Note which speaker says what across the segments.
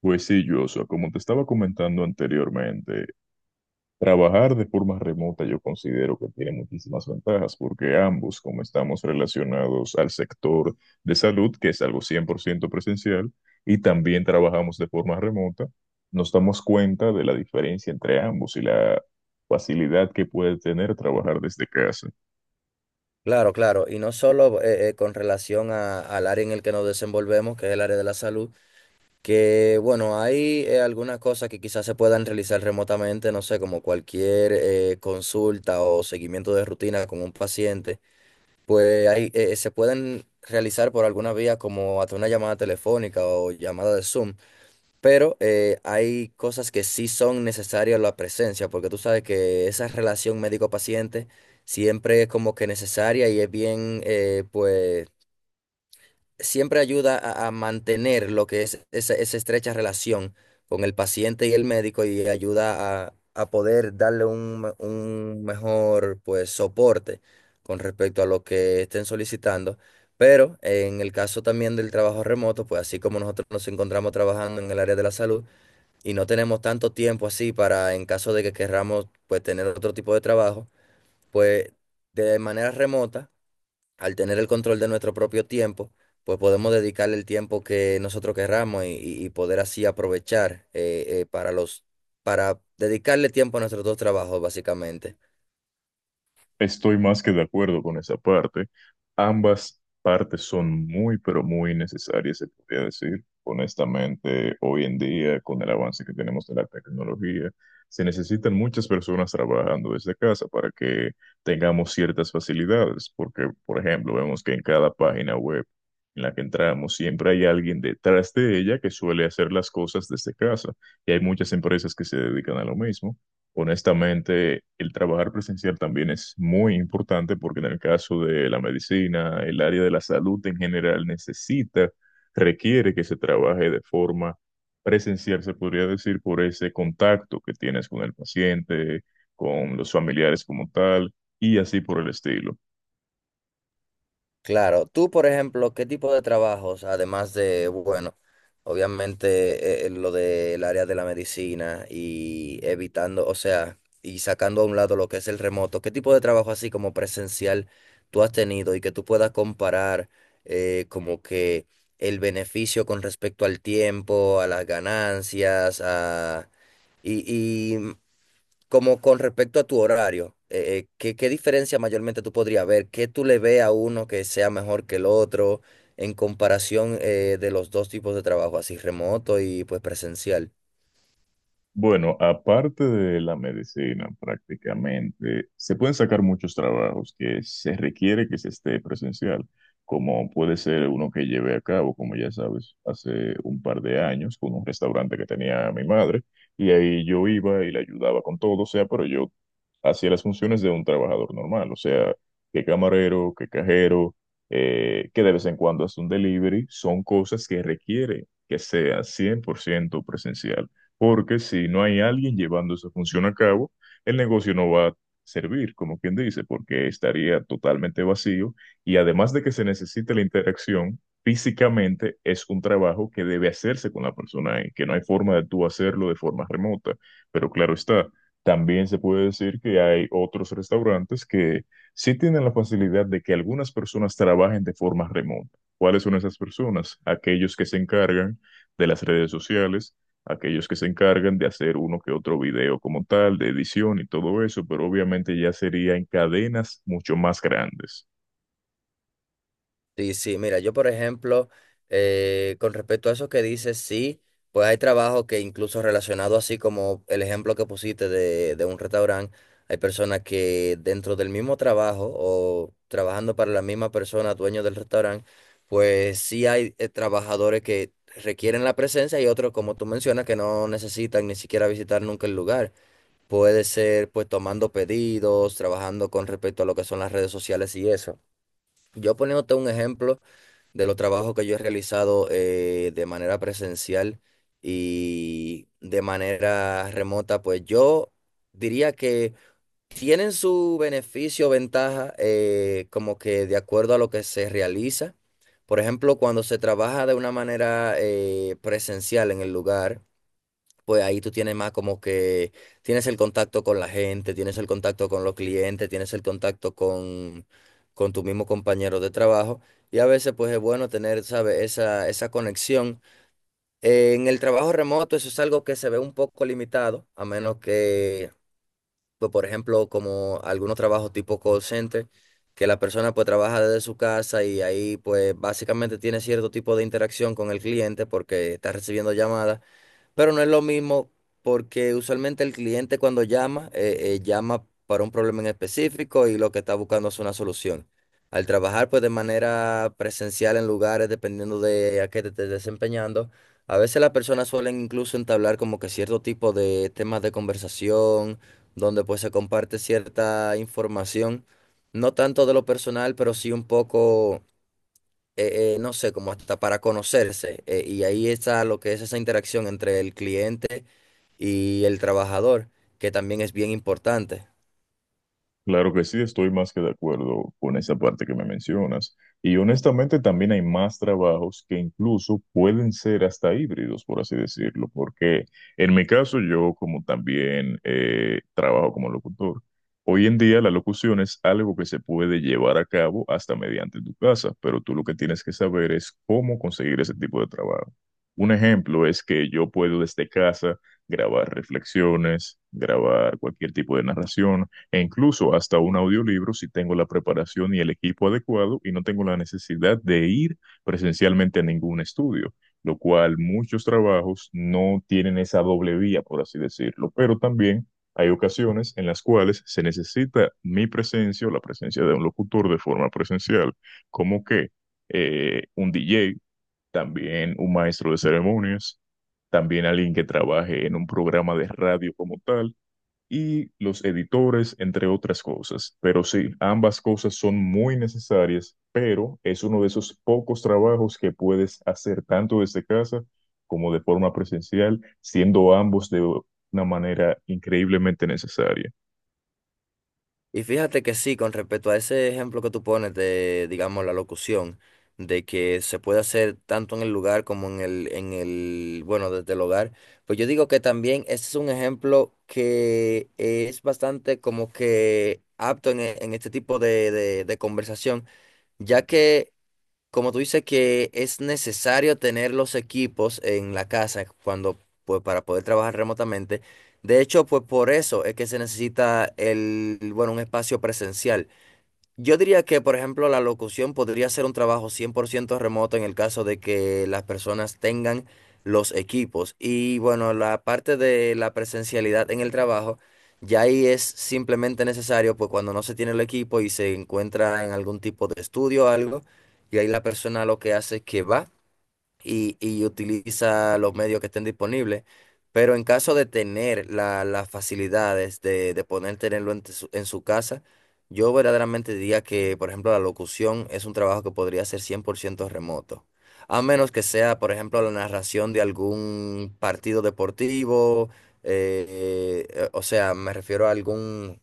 Speaker 1: Pues sí, Joshua, como te estaba comentando anteriormente, trabajar de forma remota yo considero que tiene muchísimas ventajas porque ambos, como estamos relacionados al sector de salud, que es algo 100% presencial, y también trabajamos de forma remota, nos damos cuenta de la diferencia entre ambos y la facilidad que puede tener trabajar desde casa.
Speaker 2: Claro, claro, y no solo con relación al área en el que nos desenvolvemos, que es el área de la salud, que bueno, hay algunas cosas que quizás se puedan realizar remotamente, no sé, como cualquier consulta o seguimiento de rutina con un paciente, pues ahí se pueden realizar por alguna vía como hasta una llamada telefónica o llamada de Zoom. Pero hay cosas que sí son necesarias la presencia, porque tú sabes que esa relación médico-paciente siempre es como que necesaria y es bien, pues, siempre ayuda a mantener lo que es esa estrecha relación con el paciente y el médico y ayuda a poder darle un mejor, pues, soporte con respecto a lo que estén solicitando. Pero en el caso también del trabajo remoto, pues así como nosotros nos encontramos trabajando en el área de la salud, y no tenemos tanto tiempo así para, en caso de que querramos, pues tener otro tipo de trabajo, pues de manera remota, al tener el control de nuestro propio tiempo, pues podemos dedicarle el tiempo que nosotros querramos y poder así aprovechar para dedicarle tiempo a nuestros dos trabajos, básicamente.
Speaker 1: Estoy más que de acuerdo con esa parte. Ambas partes son muy, pero muy necesarias, se podría decir. Honestamente, hoy en día, con el avance que tenemos de la tecnología, se necesitan muchas personas trabajando desde casa para que tengamos ciertas facilidades, porque, por ejemplo, vemos que en cada página web en la que entramos, siempre hay alguien detrás de ella que suele hacer las cosas desde casa, y hay muchas empresas que se dedican a lo mismo. Honestamente, el trabajar presencial también es muy importante porque en el caso de la medicina, el área de la salud en general necesita, requiere que se trabaje de forma presencial, se podría decir, por ese contacto que tienes con el paciente, con los familiares como tal, y así por el estilo.
Speaker 2: Claro, tú, por ejemplo, ¿qué tipo de trabajos, además de, bueno, obviamente lo del área de la medicina y evitando, o sea, y sacando a un lado lo que es el remoto, qué tipo de trabajo así como presencial tú has tenido y que tú puedas comparar como que el beneficio con respecto al tiempo, a las ganancias, y, y como con respecto a tu horario, ¿qué diferencia mayormente tú podrías ver? ¿Qué tú le ves a uno que sea mejor que el otro en comparación de los dos tipos de trabajo, así remoto y pues presencial?
Speaker 1: Bueno, aparte de la medicina, prácticamente se pueden sacar muchos trabajos que se requiere que se esté presencial, como puede ser uno que llevé a cabo, como ya sabes, hace un par de años con un restaurante que tenía mi madre, y ahí yo iba y le ayudaba con todo, o sea, pero yo hacía las funciones de un trabajador normal, o sea, que camarero, que cajero, que de vez en cuando hace un delivery, son cosas que requiere que sea 100% presencial porque si no hay alguien llevando esa función a cabo, el negocio no va a servir, como quien dice, porque estaría totalmente vacío y además de que se necesite la interacción, físicamente es un trabajo que debe hacerse con la persona y que no hay forma de tú hacerlo de forma remota, pero claro está. También se puede decir que hay otros restaurantes que sí tienen la facilidad de que algunas personas trabajen de forma remota. ¿Cuáles son esas personas? Aquellos que se encargan de las redes sociales, aquellos que se encargan de hacer uno que otro video como tal, de edición y todo eso, pero obviamente ya sería en cadenas mucho más grandes.
Speaker 2: Sí, sí, mira, yo por ejemplo, con respecto a eso que dices, sí, pues hay trabajo que incluso relacionado así como el ejemplo que pusiste de un restaurante, hay personas que dentro del mismo trabajo o trabajando para la misma persona, dueño del restaurante, pues sí hay trabajadores que requieren la presencia y otros, como tú mencionas, que no necesitan ni siquiera visitar nunca el lugar. Puede ser pues tomando pedidos, trabajando con respecto a lo que son las redes sociales y eso. Yo poniéndote un ejemplo de los trabajos que yo he realizado de manera presencial y de manera remota, pues yo diría que tienen su beneficio, o ventaja, como que de acuerdo a lo que se realiza. Por ejemplo, cuando se trabaja de una manera presencial en el lugar pues ahí tú tienes más como que tienes el contacto con la gente, tienes el contacto con los clientes, tienes el contacto con tu mismo compañero de trabajo. Y a veces pues es bueno tener, ¿sabes? Esa conexión. En el trabajo remoto eso es algo que se ve un poco limitado, a menos que, pues, por ejemplo, como algunos trabajos tipo call center, que la persona pues trabaja desde su casa y ahí pues básicamente tiene cierto tipo de interacción con el cliente porque está recibiendo llamadas. Pero no es lo mismo porque usualmente el cliente cuando llama, llama para un problema en específico y lo que está buscando es una solución. Al trabajar pues de manera presencial en lugares, dependiendo de a qué te estés desempeñando, a veces las personas suelen incluso entablar como que cierto tipo de temas de conversación, donde pues se comparte cierta información, no tanto de lo personal, pero sí un poco no sé, como hasta para conocerse. Y ahí está lo que es esa interacción entre el cliente y el trabajador, que también es bien importante.
Speaker 1: Claro que sí, estoy más que de acuerdo con esa parte que me mencionas. Y honestamente también hay más trabajos que incluso pueden ser hasta híbridos, por así decirlo, porque en mi caso yo como también trabajo como locutor, hoy en día la locución es algo que se puede llevar a cabo hasta mediante tu casa, pero tú lo que tienes que saber es cómo conseguir ese tipo de trabajo. Un ejemplo es que yo puedo desde casa grabar reflexiones, grabar cualquier tipo de narración e incluso hasta un audiolibro si tengo la preparación y el equipo adecuado y no tengo la necesidad de ir presencialmente a ningún estudio, lo cual muchos trabajos no tienen esa doble vía, por así decirlo, pero también hay ocasiones en las cuales se necesita mi presencia o la presencia de un locutor de forma presencial, como que un DJ, también un maestro de ceremonias, también alguien que trabaje en un programa de radio como tal, y los editores, entre otras cosas. Pero sí, ambas cosas son muy necesarias, pero es uno de esos pocos trabajos que puedes hacer tanto desde casa como de forma presencial, siendo ambos de una manera increíblemente necesaria.
Speaker 2: Y fíjate que sí, con respecto a ese ejemplo que tú pones de, digamos, la locución, de que se puede hacer tanto en el lugar como bueno, desde el hogar, pues yo digo que también ese es un ejemplo que es bastante como que apto en este tipo de conversación ya que como tú dices que es necesario tener los equipos en la casa cuando, pues, para poder trabajar remotamente. De hecho, pues por eso es que se necesita el, bueno, un espacio presencial. Yo diría que, por ejemplo, la locución podría ser un trabajo 100% remoto en el caso de que las personas tengan los equipos. Y bueno, la parte de la presencialidad en el trabajo, ya ahí es simplemente necesario, pues cuando no se tiene el equipo y se encuentra en algún tipo de estudio o algo, y ahí la persona lo que hace es que va y utiliza los medios que estén disponibles. Pero en caso de tener las facilidades de poder tenerlo en su casa, yo verdaderamente diría que, por ejemplo, la locución es un trabajo que podría ser 100% remoto. A menos que sea, por ejemplo, la narración de algún partido deportivo, o sea, me refiero a algún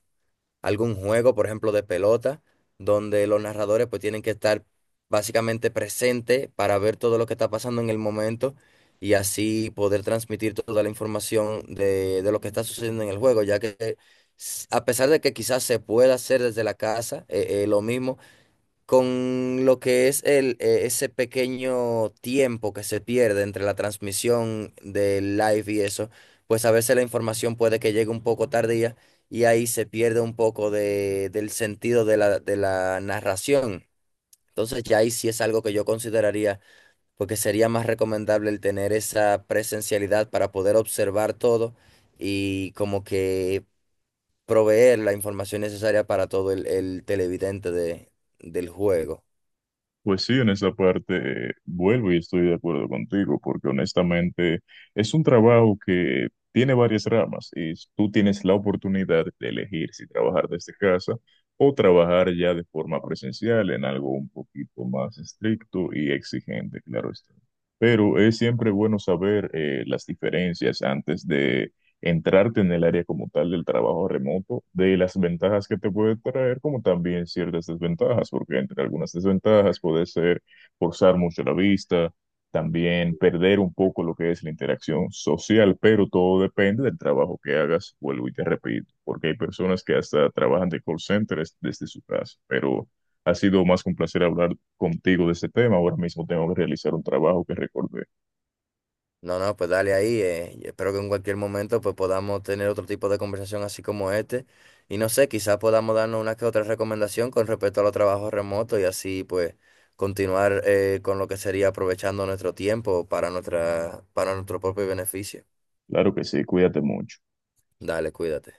Speaker 2: algún juego, por ejemplo, de pelota, donde los narradores pues tienen que estar básicamente presentes para ver todo lo que está pasando en el momento y así poder transmitir toda la información de lo que está sucediendo en el juego, ya que a pesar de que quizás se pueda hacer desde la casa, lo mismo con lo que es ese pequeño tiempo que se pierde entre la transmisión del live y eso, pues a veces la información puede que llegue un poco tardía y ahí se pierde un poco del sentido de la narración. Entonces ya ahí sí es algo que yo consideraría, porque sería más recomendable el tener esa presencialidad para poder observar todo y como que proveer la información necesaria para todo el televidente del juego.
Speaker 1: Pues sí, en esa parte vuelvo y estoy de acuerdo contigo, porque honestamente es un trabajo que tiene varias ramas y tú tienes la oportunidad de elegir si trabajar desde casa o trabajar ya de forma presencial en algo un poquito más estricto y exigente, claro está. Pero es siempre bueno saber las diferencias antes de entrarte en el área como tal del trabajo remoto, de las ventajas que te puede traer, como también ciertas desventajas, porque entre algunas desventajas puede ser forzar mucho la vista, también perder un poco lo que es la interacción social, pero todo depende del trabajo que hagas, vuelvo y te repito, porque hay personas que hasta trabajan de call centers desde su casa, pero... Ha sido más que un placer hablar contigo de este tema. Ahora mismo tengo que realizar un trabajo que recordé.
Speaker 2: No, no, pues dale ahí. Y espero que en cualquier momento pues podamos tener otro tipo de conversación así como este. Y no sé, quizás podamos darnos una que otra recomendación con respecto a los trabajos remotos y así pues continuar con lo que sería aprovechando nuestro tiempo para para nuestro propio beneficio.
Speaker 1: Claro que sí, cuídate mucho.
Speaker 2: Dale, cuídate.